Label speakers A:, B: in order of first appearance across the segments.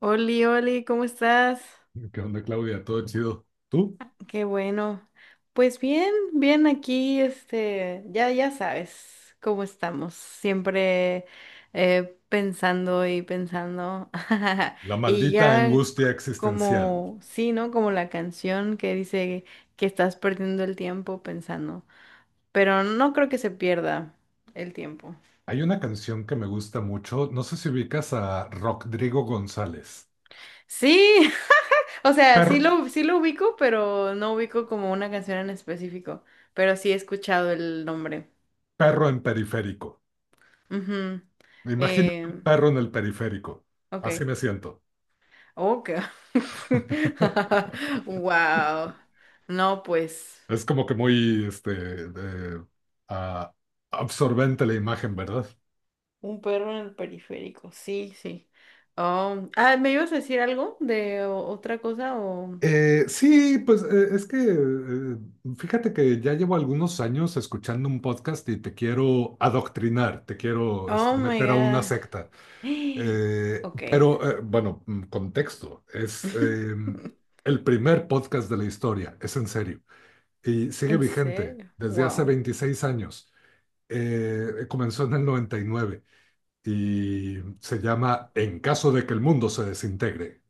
A: Oli, Oli, ¿cómo estás?
B: ¿Qué onda, Claudia? Todo chido. ¿Tú?
A: Qué bueno. Pues bien, bien aquí, ya sabes cómo estamos, siempre pensando y pensando.
B: La
A: Y
B: maldita
A: ya c-
B: angustia existencial.
A: Como, sí, ¿no? Como la canción que dice que estás perdiendo el tiempo pensando, pero no creo que se pierda el tiempo.
B: Hay una canción que me gusta mucho. No sé si ubicas a Rodrigo González.
A: Sí, o sea, sí
B: Perro,
A: lo, sí lo ubico, pero no ubico como una canción en específico. Pero sí he escuchado el nombre.
B: perro en periférico.
A: Ujú.
B: Imagínate
A: Eh,
B: un perro en el periférico.
A: ok.
B: Así me siento.
A: Ok. Wow. No, pues.
B: Es como que muy de- ah, absorbente la imagen, ¿verdad?
A: Un perro en el periférico. Sí, sí. Oh. Ah, ¿me ibas a decir algo de otra cosa? O...
B: Sí, pues es que fíjate que ya llevo algunos años escuchando un podcast y te quiero adoctrinar, te quiero
A: Oh my
B: meter a una
A: God.
B: secta.
A: Ok.
B: Contexto, es el primer podcast de la historia, es en serio, y sigue
A: ¿En
B: vigente
A: serio?
B: desde hace
A: Wow.
B: 26 años. Comenzó en el 99 y se llama En caso de que el mundo se desintegre.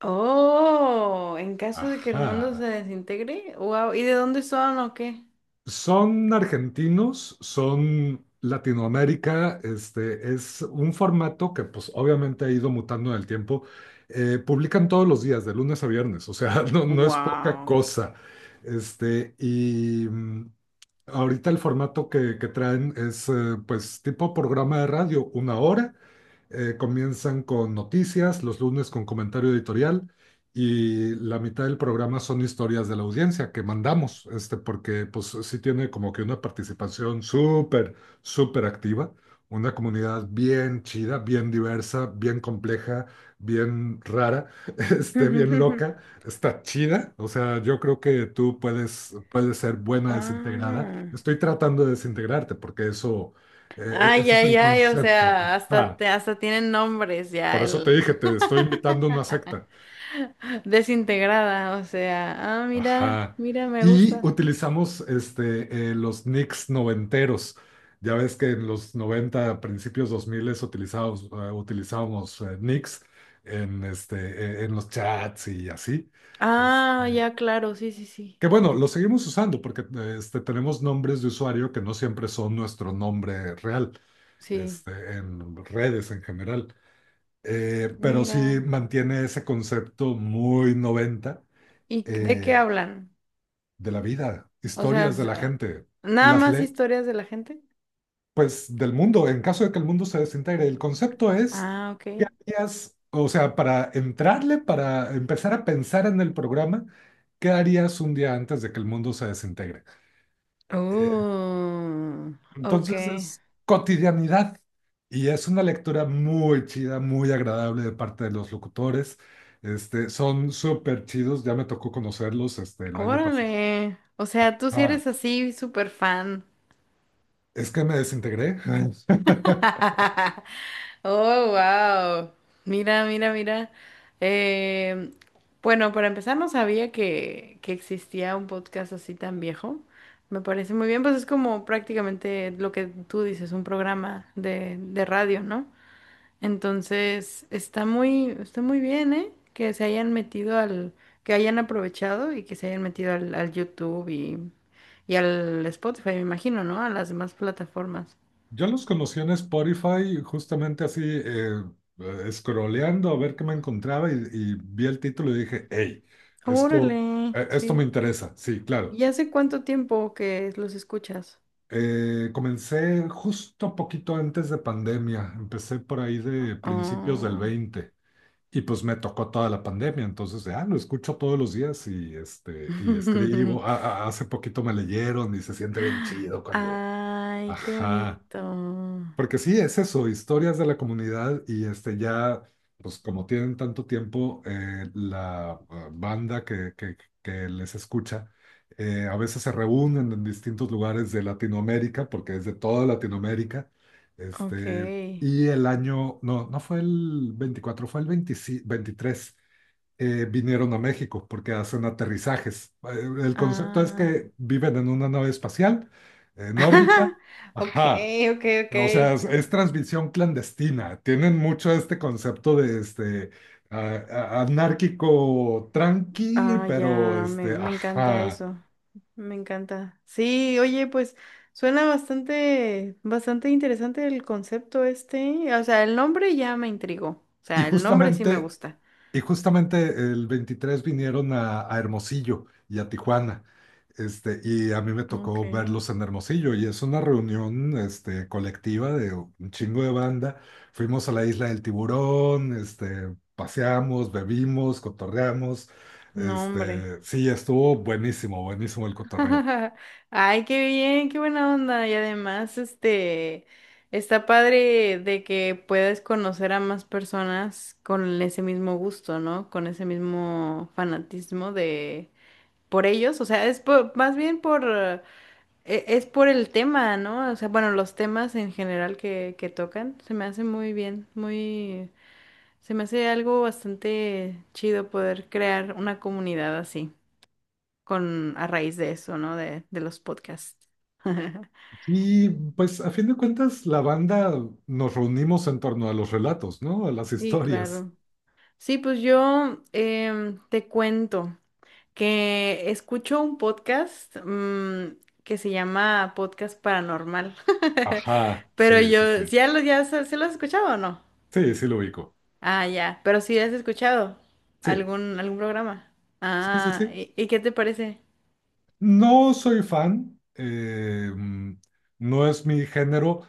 A: Oh, en caso de que el mundo se
B: Ajá.
A: desintegre, wow, ¿y de dónde son o qué?
B: Son argentinos, son Latinoamérica, este es un formato que pues obviamente ha ido mutando en el tiempo. Publican todos los días, de lunes a viernes, o sea, no, no es poca
A: Wow.
B: cosa. Este, y mm, ahorita el formato que traen es pues tipo programa de radio, una hora, comienzan con noticias, los lunes con comentario editorial y la mitad del programa son historias de la audiencia que mandamos, este, porque pues sí tiene como que una participación súper activa, una comunidad bien chida, bien diversa, bien compleja, bien rara, este, bien loca, está chida, o sea, yo creo que tú puedes ser buena desintegrada.
A: Ah.
B: Estoy tratando de desintegrarte porque eso...
A: Ay,
B: Ese es
A: ay,
B: el
A: ay, o
B: concepto.
A: sea,
B: Ah.
A: hasta tienen nombres ya
B: Por eso te dije,
A: el
B: te estoy invitando a una secta.
A: desintegrada, o sea, ah, mira,
B: Ajá.
A: mira, me
B: Y
A: gusta.
B: utilizamos los nicks noventeros. Ya ves que en los 90, principios 2000 utilizábamos, nicks en, este, en los chats y así. Es-
A: Ah, ya, claro, sí, sí, sí.
B: que Bueno, lo seguimos usando porque tenemos nombres de usuario que no siempre son nuestro nombre real,
A: Sí.
B: este, en redes en general. Pero sí
A: Mira.
B: mantiene ese concepto muy 90.
A: ¿Y de qué
B: eh,
A: hablan?
B: de la vida,
A: O sea,
B: historias de la gente,
A: nada
B: las
A: más
B: le
A: historias de la gente.
B: pues del mundo, en caso de que el mundo se desintegre. El concepto es,
A: Ah,
B: ¿qué
A: ok.
B: harías? O sea, para entrarle, para empezar a pensar en el programa, ¿qué harías un día antes de que el mundo se desintegre? Eh,
A: Oh,
B: entonces
A: ok.
B: es cotidianidad y es una lectura muy chida, muy agradable de parte de los locutores. Este, son súper chidos, ya me tocó conocerlos este, el año pasado.
A: Órale. O sea, tú sí
B: Ah,
A: eres así súper fan.
B: es que me desintegré.
A: Oh, wow. Mira, mira, mira. Eh, bueno, para empezar, no sabía que existía un podcast así tan viejo. Me parece muy bien, pues es como prácticamente lo que tú dices, un programa de radio, ¿no? Entonces, está muy bien, ¿eh? Que se hayan metido al, que hayan aprovechado y que se hayan metido al, al YouTube y al Spotify, me imagino, ¿no? A las demás plataformas.
B: Yo los conocí en Spotify, justamente así, scrolleando a ver qué me encontraba y vi el título y dije, hey, esto,
A: Órale,
B: esto me
A: sí.
B: interesa. Sí,
A: ¿Y
B: claro.
A: hace cuánto tiempo que los escuchas?
B: Comencé justo poquito antes de pandemia, empecé por ahí de principios del
A: Oh.
B: 20 y pues me tocó toda la pandemia, entonces, ah, lo escucho todos los días y, este, y escribo. Hace poquito me leyeron y se siente bien chido cuando...
A: Ay, qué
B: Ajá.
A: bonito.
B: Porque sí, es eso, historias de la comunidad y este ya, pues como tienen tanto tiempo, la banda que les escucha, a veces se reúnen en distintos lugares de Latinoamérica, porque es de toda Latinoamérica, este,
A: Ok.
B: y el año, no, no fue el 24 fue el 25 23 vinieron a México porque hacen aterrizajes. El concepto es
A: Ah.
B: que viven en una nave espacial, en órbita,
A: Ok,
B: ajá.
A: ok, ok.
B: O sea, es transmisión clandestina. Tienen mucho este concepto de a- anárquico tranqui,
A: Ah,
B: pero
A: ya, me,
B: este,
A: me encanta
B: ajá.
A: eso. Me encanta. Sí, oye, pues suena bastante, bastante interesante el concepto este. O sea, el nombre ya me intrigó. O
B: Y
A: sea, el nombre sí me
B: justamente
A: gusta.
B: Y justamente el 23 vinieron a Hermosillo y a Tijuana. Este, y a mí me
A: Ok.
B: tocó verlos en Hermosillo y es una reunión este, colectiva de un chingo de banda. Fuimos a la isla del Tiburón, este, paseamos, bebimos, cotorreamos.
A: Nombre.
B: Este, sí, estuvo buenísimo el cotorreo.
A: Ay, qué bien, qué buena onda. Y además, está padre de que puedes conocer a más personas con ese mismo gusto, ¿no? Con ese mismo fanatismo de por ellos, o sea, más bien por, es por el tema, ¿no? O sea, bueno, los temas en general que tocan, se me hace muy bien, muy, se me hace algo bastante chido poder crear una comunidad así, con, a raíz de eso, ¿no? De los podcasts.
B: Y pues a fin de cuentas la banda nos reunimos en torno a los relatos, ¿no? A las
A: Sí,
B: historias.
A: claro. Sí, pues yo te cuento que escucho un podcast que se llama Podcast Paranormal.
B: Ajá,
A: Pero
B: sí, sí,
A: yo,
B: sí.
A: ¿sí? ¿Ya lo, ya se lo has escuchado o no?
B: Sí, sí lo ubico.
A: Ah, ya, pero sí has escuchado
B: Sí.
A: algún, algún programa.
B: Sí, sí,
A: Ah,
B: sí.
A: y qué te parece?
B: No soy fan, no es mi género.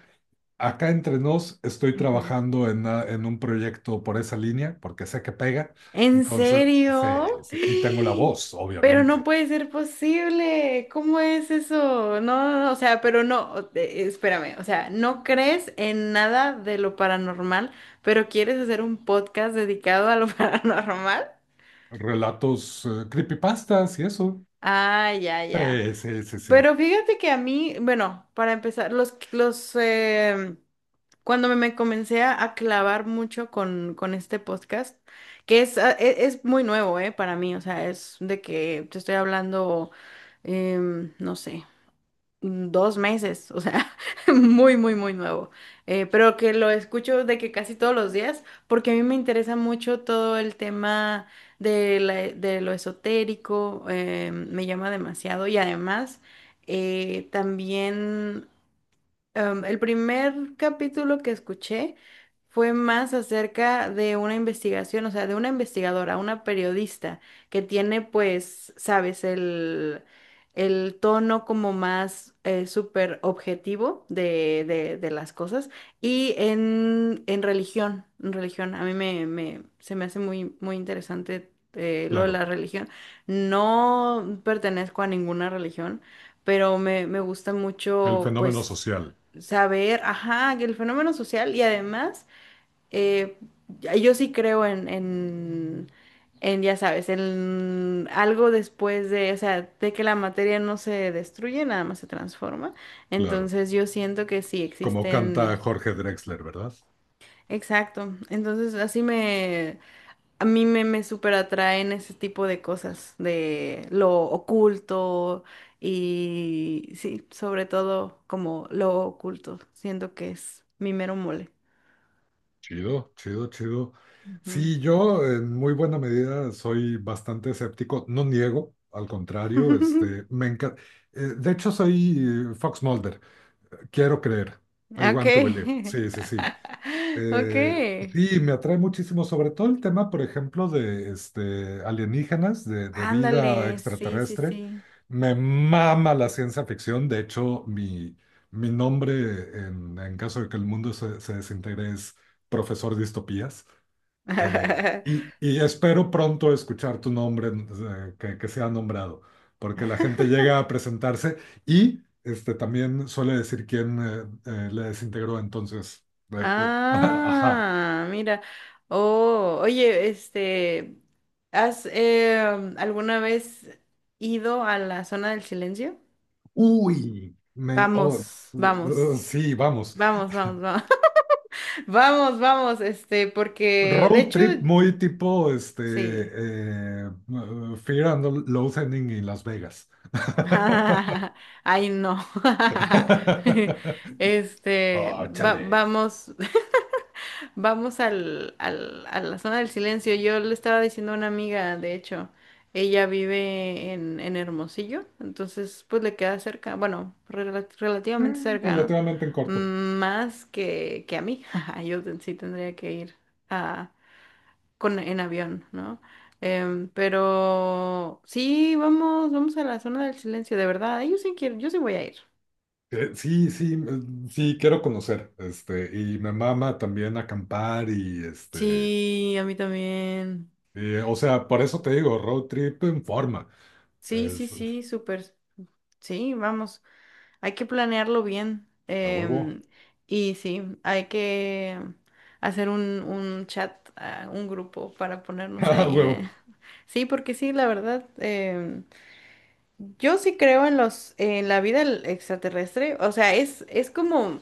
B: Acá entre nos estoy trabajando en un proyecto por esa línea, porque sé que pega.
A: ¿En
B: Entonces, sí,
A: serio?
B: sí, y tengo la voz,
A: Pero no
B: obviamente.
A: puede ser posible. ¿Cómo es eso? No, no, no, o sea, pero no, espérame, o sea, no crees en nada de lo paranormal, pero quieres hacer un podcast dedicado a lo paranormal.
B: Relatos, creepypastas y eso.
A: Ah, ya, ya.
B: Sí, sí, sí, sí,
A: Pero fíjate que a mí, bueno, para empezar, cuando me comencé a clavar mucho con este podcast, que es, es muy nuevo, para mí, o sea, es de que te estoy hablando, no sé, dos meses, o sea, muy, muy, muy nuevo. Pero que lo escucho de que casi todos los días, porque a mí me interesa mucho todo el tema de, de lo esotérico, me llama demasiado y además... también, el primer capítulo que escuché fue más acerca de una investigación, o sea, de una investigadora, una periodista que tiene, pues, sabes, el tono como más súper objetivo de, de las cosas y en religión, a mí se me hace muy, muy interesante lo de la
B: claro.
A: religión. No pertenezco a ninguna religión pero me gusta
B: El
A: mucho,
B: fenómeno
A: pues,
B: social,
A: saber, ajá, que el fenómeno social y además, eh, yo sí creo en, ya sabes, en algo después de, o sea, de que la materia no se destruye, nada más se transforma.
B: claro.
A: Entonces yo siento que sí
B: Como canta
A: existen,
B: Jorge Drexler, ¿verdad?
A: exacto. Entonces así me, a mí me súper atraen ese tipo de cosas, de lo oculto. Y sí, sobre todo como lo oculto, siento que es mi mero mole.
B: Chido, chido, chido.
A: Ujú.
B: Sí, yo en muy buena medida soy bastante escéptico, no niego, al contrario, este, me encanta. De hecho, soy Fox Mulder, quiero creer, I want to believe.
A: Okay.
B: Sí, sí, sí. Eh,
A: Okay.
B: sí, me atrae muchísimo, sobre todo el tema, por ejemplo, de este, alienígenas, de vida
A: Ándale, sí, sí,
B: extraterrestre.
A: sí.
B: Me mama la ciencia ficción. De hecho, mi nombre, en caso de que el mundo se desintegre, es profesor distopías. Eh, y espero pronto escuchar tu nombre, que sea nombrado, porque la gente llega a presentarse y este, también suele decir quién le desintegró. Entonces, ajá.
A: Ah, mira. Oh, oye, ¿has alguna vez ido a la zona del silencio?
B: Uy, me, oh,
A: Vamos, vamos,
B: sí, vamos.
A: vamos, vamos, vamos, vamos, vamos, este, porque de
B: Road
A: hecho,
B: trip muy tipo
A: sí.
B: Fear and Loathing en Las Vegas.
A: Ay, no. Este,
B: Oh, chale.
A: vamos, vamos al, a la zona del silencio. Yo le estaba diciendo a una amiga, de hecho, ella vive en Hermosillo, entonces pues le queda cerca, bueno, relativamente
B: Eh,
A: cerca, ¿no?
B: Relativamente en corto.
A: Más que a mí. Yo sí tendría que ir con, en avión, ¿no? Pero sí, vamos, vamos a la zona del silencio, de verdad. Yo sí quiero, yo sí voy a ir.
B: Sí, sí, quiero conocer, este, y me mama también acampar y, este,
A: Sí, a mí también.
B: y, o sea, por eso te digo, road trip en forma,
A: Sí, sí,
B: es, es-
A: sí, súper. Sí, vamos, hay que planearlo bien.
B: a huevo,
A: Y sí, hay que hacer un chat, ah, un grupo para ponernos
B: a
A: ahí.
B: huevo,
A: Sí, porque sí, la verdad, yo sí creo en los, en la vida extraterrestre. O sea, es como,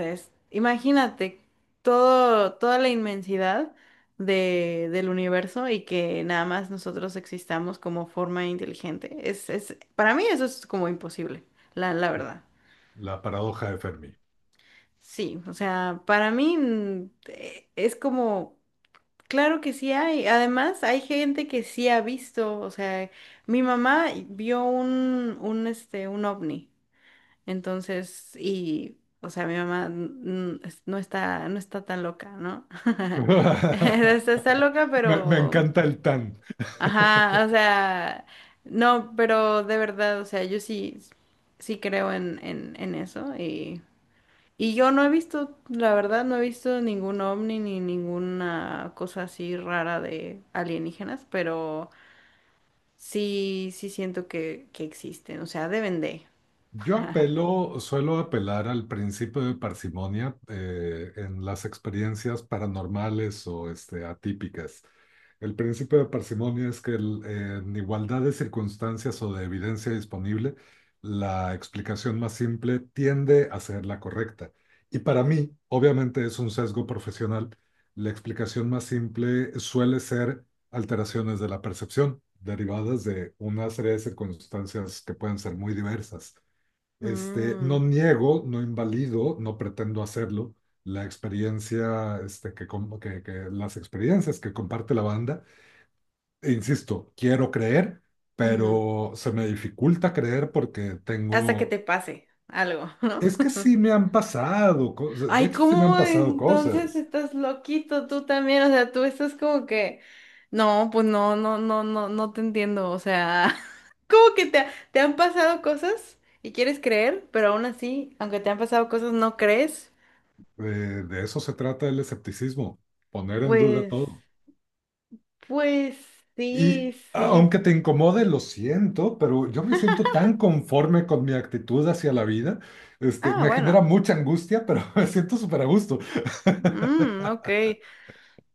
A: imagínate todo, toda la inmensidad de, del universo y que nada más nosotros existamos como forma inteligente. Es, para mí eso es como imposible, la verdad.
B: la paradoja de Fermi.
A: Sí, o sea, para mí es como, claro que sí hay. Además, hay gente que sí ha visto, o sea, mi mamá vio un, este, un ovni. Entonces, y, o sea, mi mamá n- no está, no está tan loca, ¿no? Está, está loca,
B: Me
A: pero,
B: encanta el tan.
A: ajá, o sea, no, pero de verdad, o sea, yo sí, sí creo en eso y yo no he visto, la verdad, no he visto ningún ovni ni ninguna cosa así rara de alienígenas, pero sí, sí siento que existen, o sea, deben de.
B: Yo apelo, suelo apelar al principio de parsimonia en las experiencias paranormales o este, atípicas. El principio de parsimonia es que en igualdad de circunstancias o de evidencia disponible, la explicación más simple tiende a ser la correcta. Y para mí, obviamente es un sesgo profesional, la explicación más simple suele ser alteraciones de la percepción derivadas de una serie de circunstancias que pueden ser muy diversas. Este, no
A: Mm,
B: niego, no invalido, no pretendo hacerlo. La experiencia, que las experiencias que comparte la banda, e insisto, quiero creer,
A: ujú,
B: pero se me dificulta creer porque
A: hasta que
B: tengo,
A: te pase algo, ¿no?
B: es que sí me han pasado cosas, de
A: Ay,
B: hecho sí me han
A: ¿cómo
B: pasado
A: entonces
B: cosas.
A: estás loquito tú también? O sea, tú estás como que, no, pues no, no, no, no, no te entiendo. O sea, como que te, te han pasado cosas y quieres creer, pero aún así, aunque te han pasado cosas, no crees.
B: Eh, de eso se trata el escepticismo, poner en duda
A: Pues,
B: todo.
A: pues
B: Y
A: sí, sí.
B: aunque te incomode, lo siento, pero yo me siento tan conforme con mi actitud hacia la vida. Este,
A: Ah,
B: me genera
A: bueno.
B: mucha angustia, pero me siento súper a gusto.
A: Mm, ok,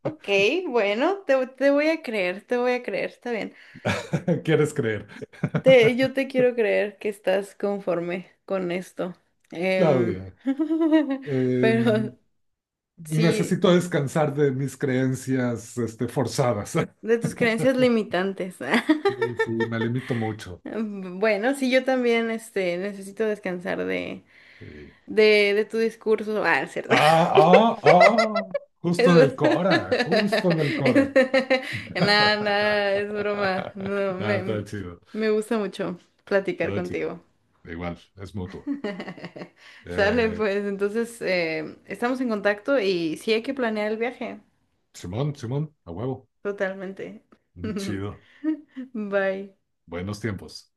A: ok, bueno, te voy a creer, te voy a creer, está bien.
B: ¿Quieres creer?
A: Te, yo te quiero creer que estás conforme con esto. Em,
B: Claudia, em,
A: pero sí,
B: necesito descansar de mis creencias, este, forzadas.
A: de tus creencias limitantes.
B: Sí, sí, me limito mucho.
A: Mm, bueno, sí, yo también este, necesito descansar
B: Sí.
A: de tu discurso. Ah, es cierto.
B: Ah, ah, ah, justo en el
A: Es-
B: Cora, justo en el Cora.
A: Nada, nada, es broma. No,
B: Nada, todo
A: me,
B: chido.
A: me gusta mucho platicar
B: Todo chido.
A: contigo.
B: Igual, es mutuo.
A: Sale,
B: Eh,
A: pues, entonces estamos en contacto y sí hay que planear el viaje,
B: Simón, Simón, a huevo.
A: totalmente.
B: Chido.
A: Bye.
B: Buenos tiempos.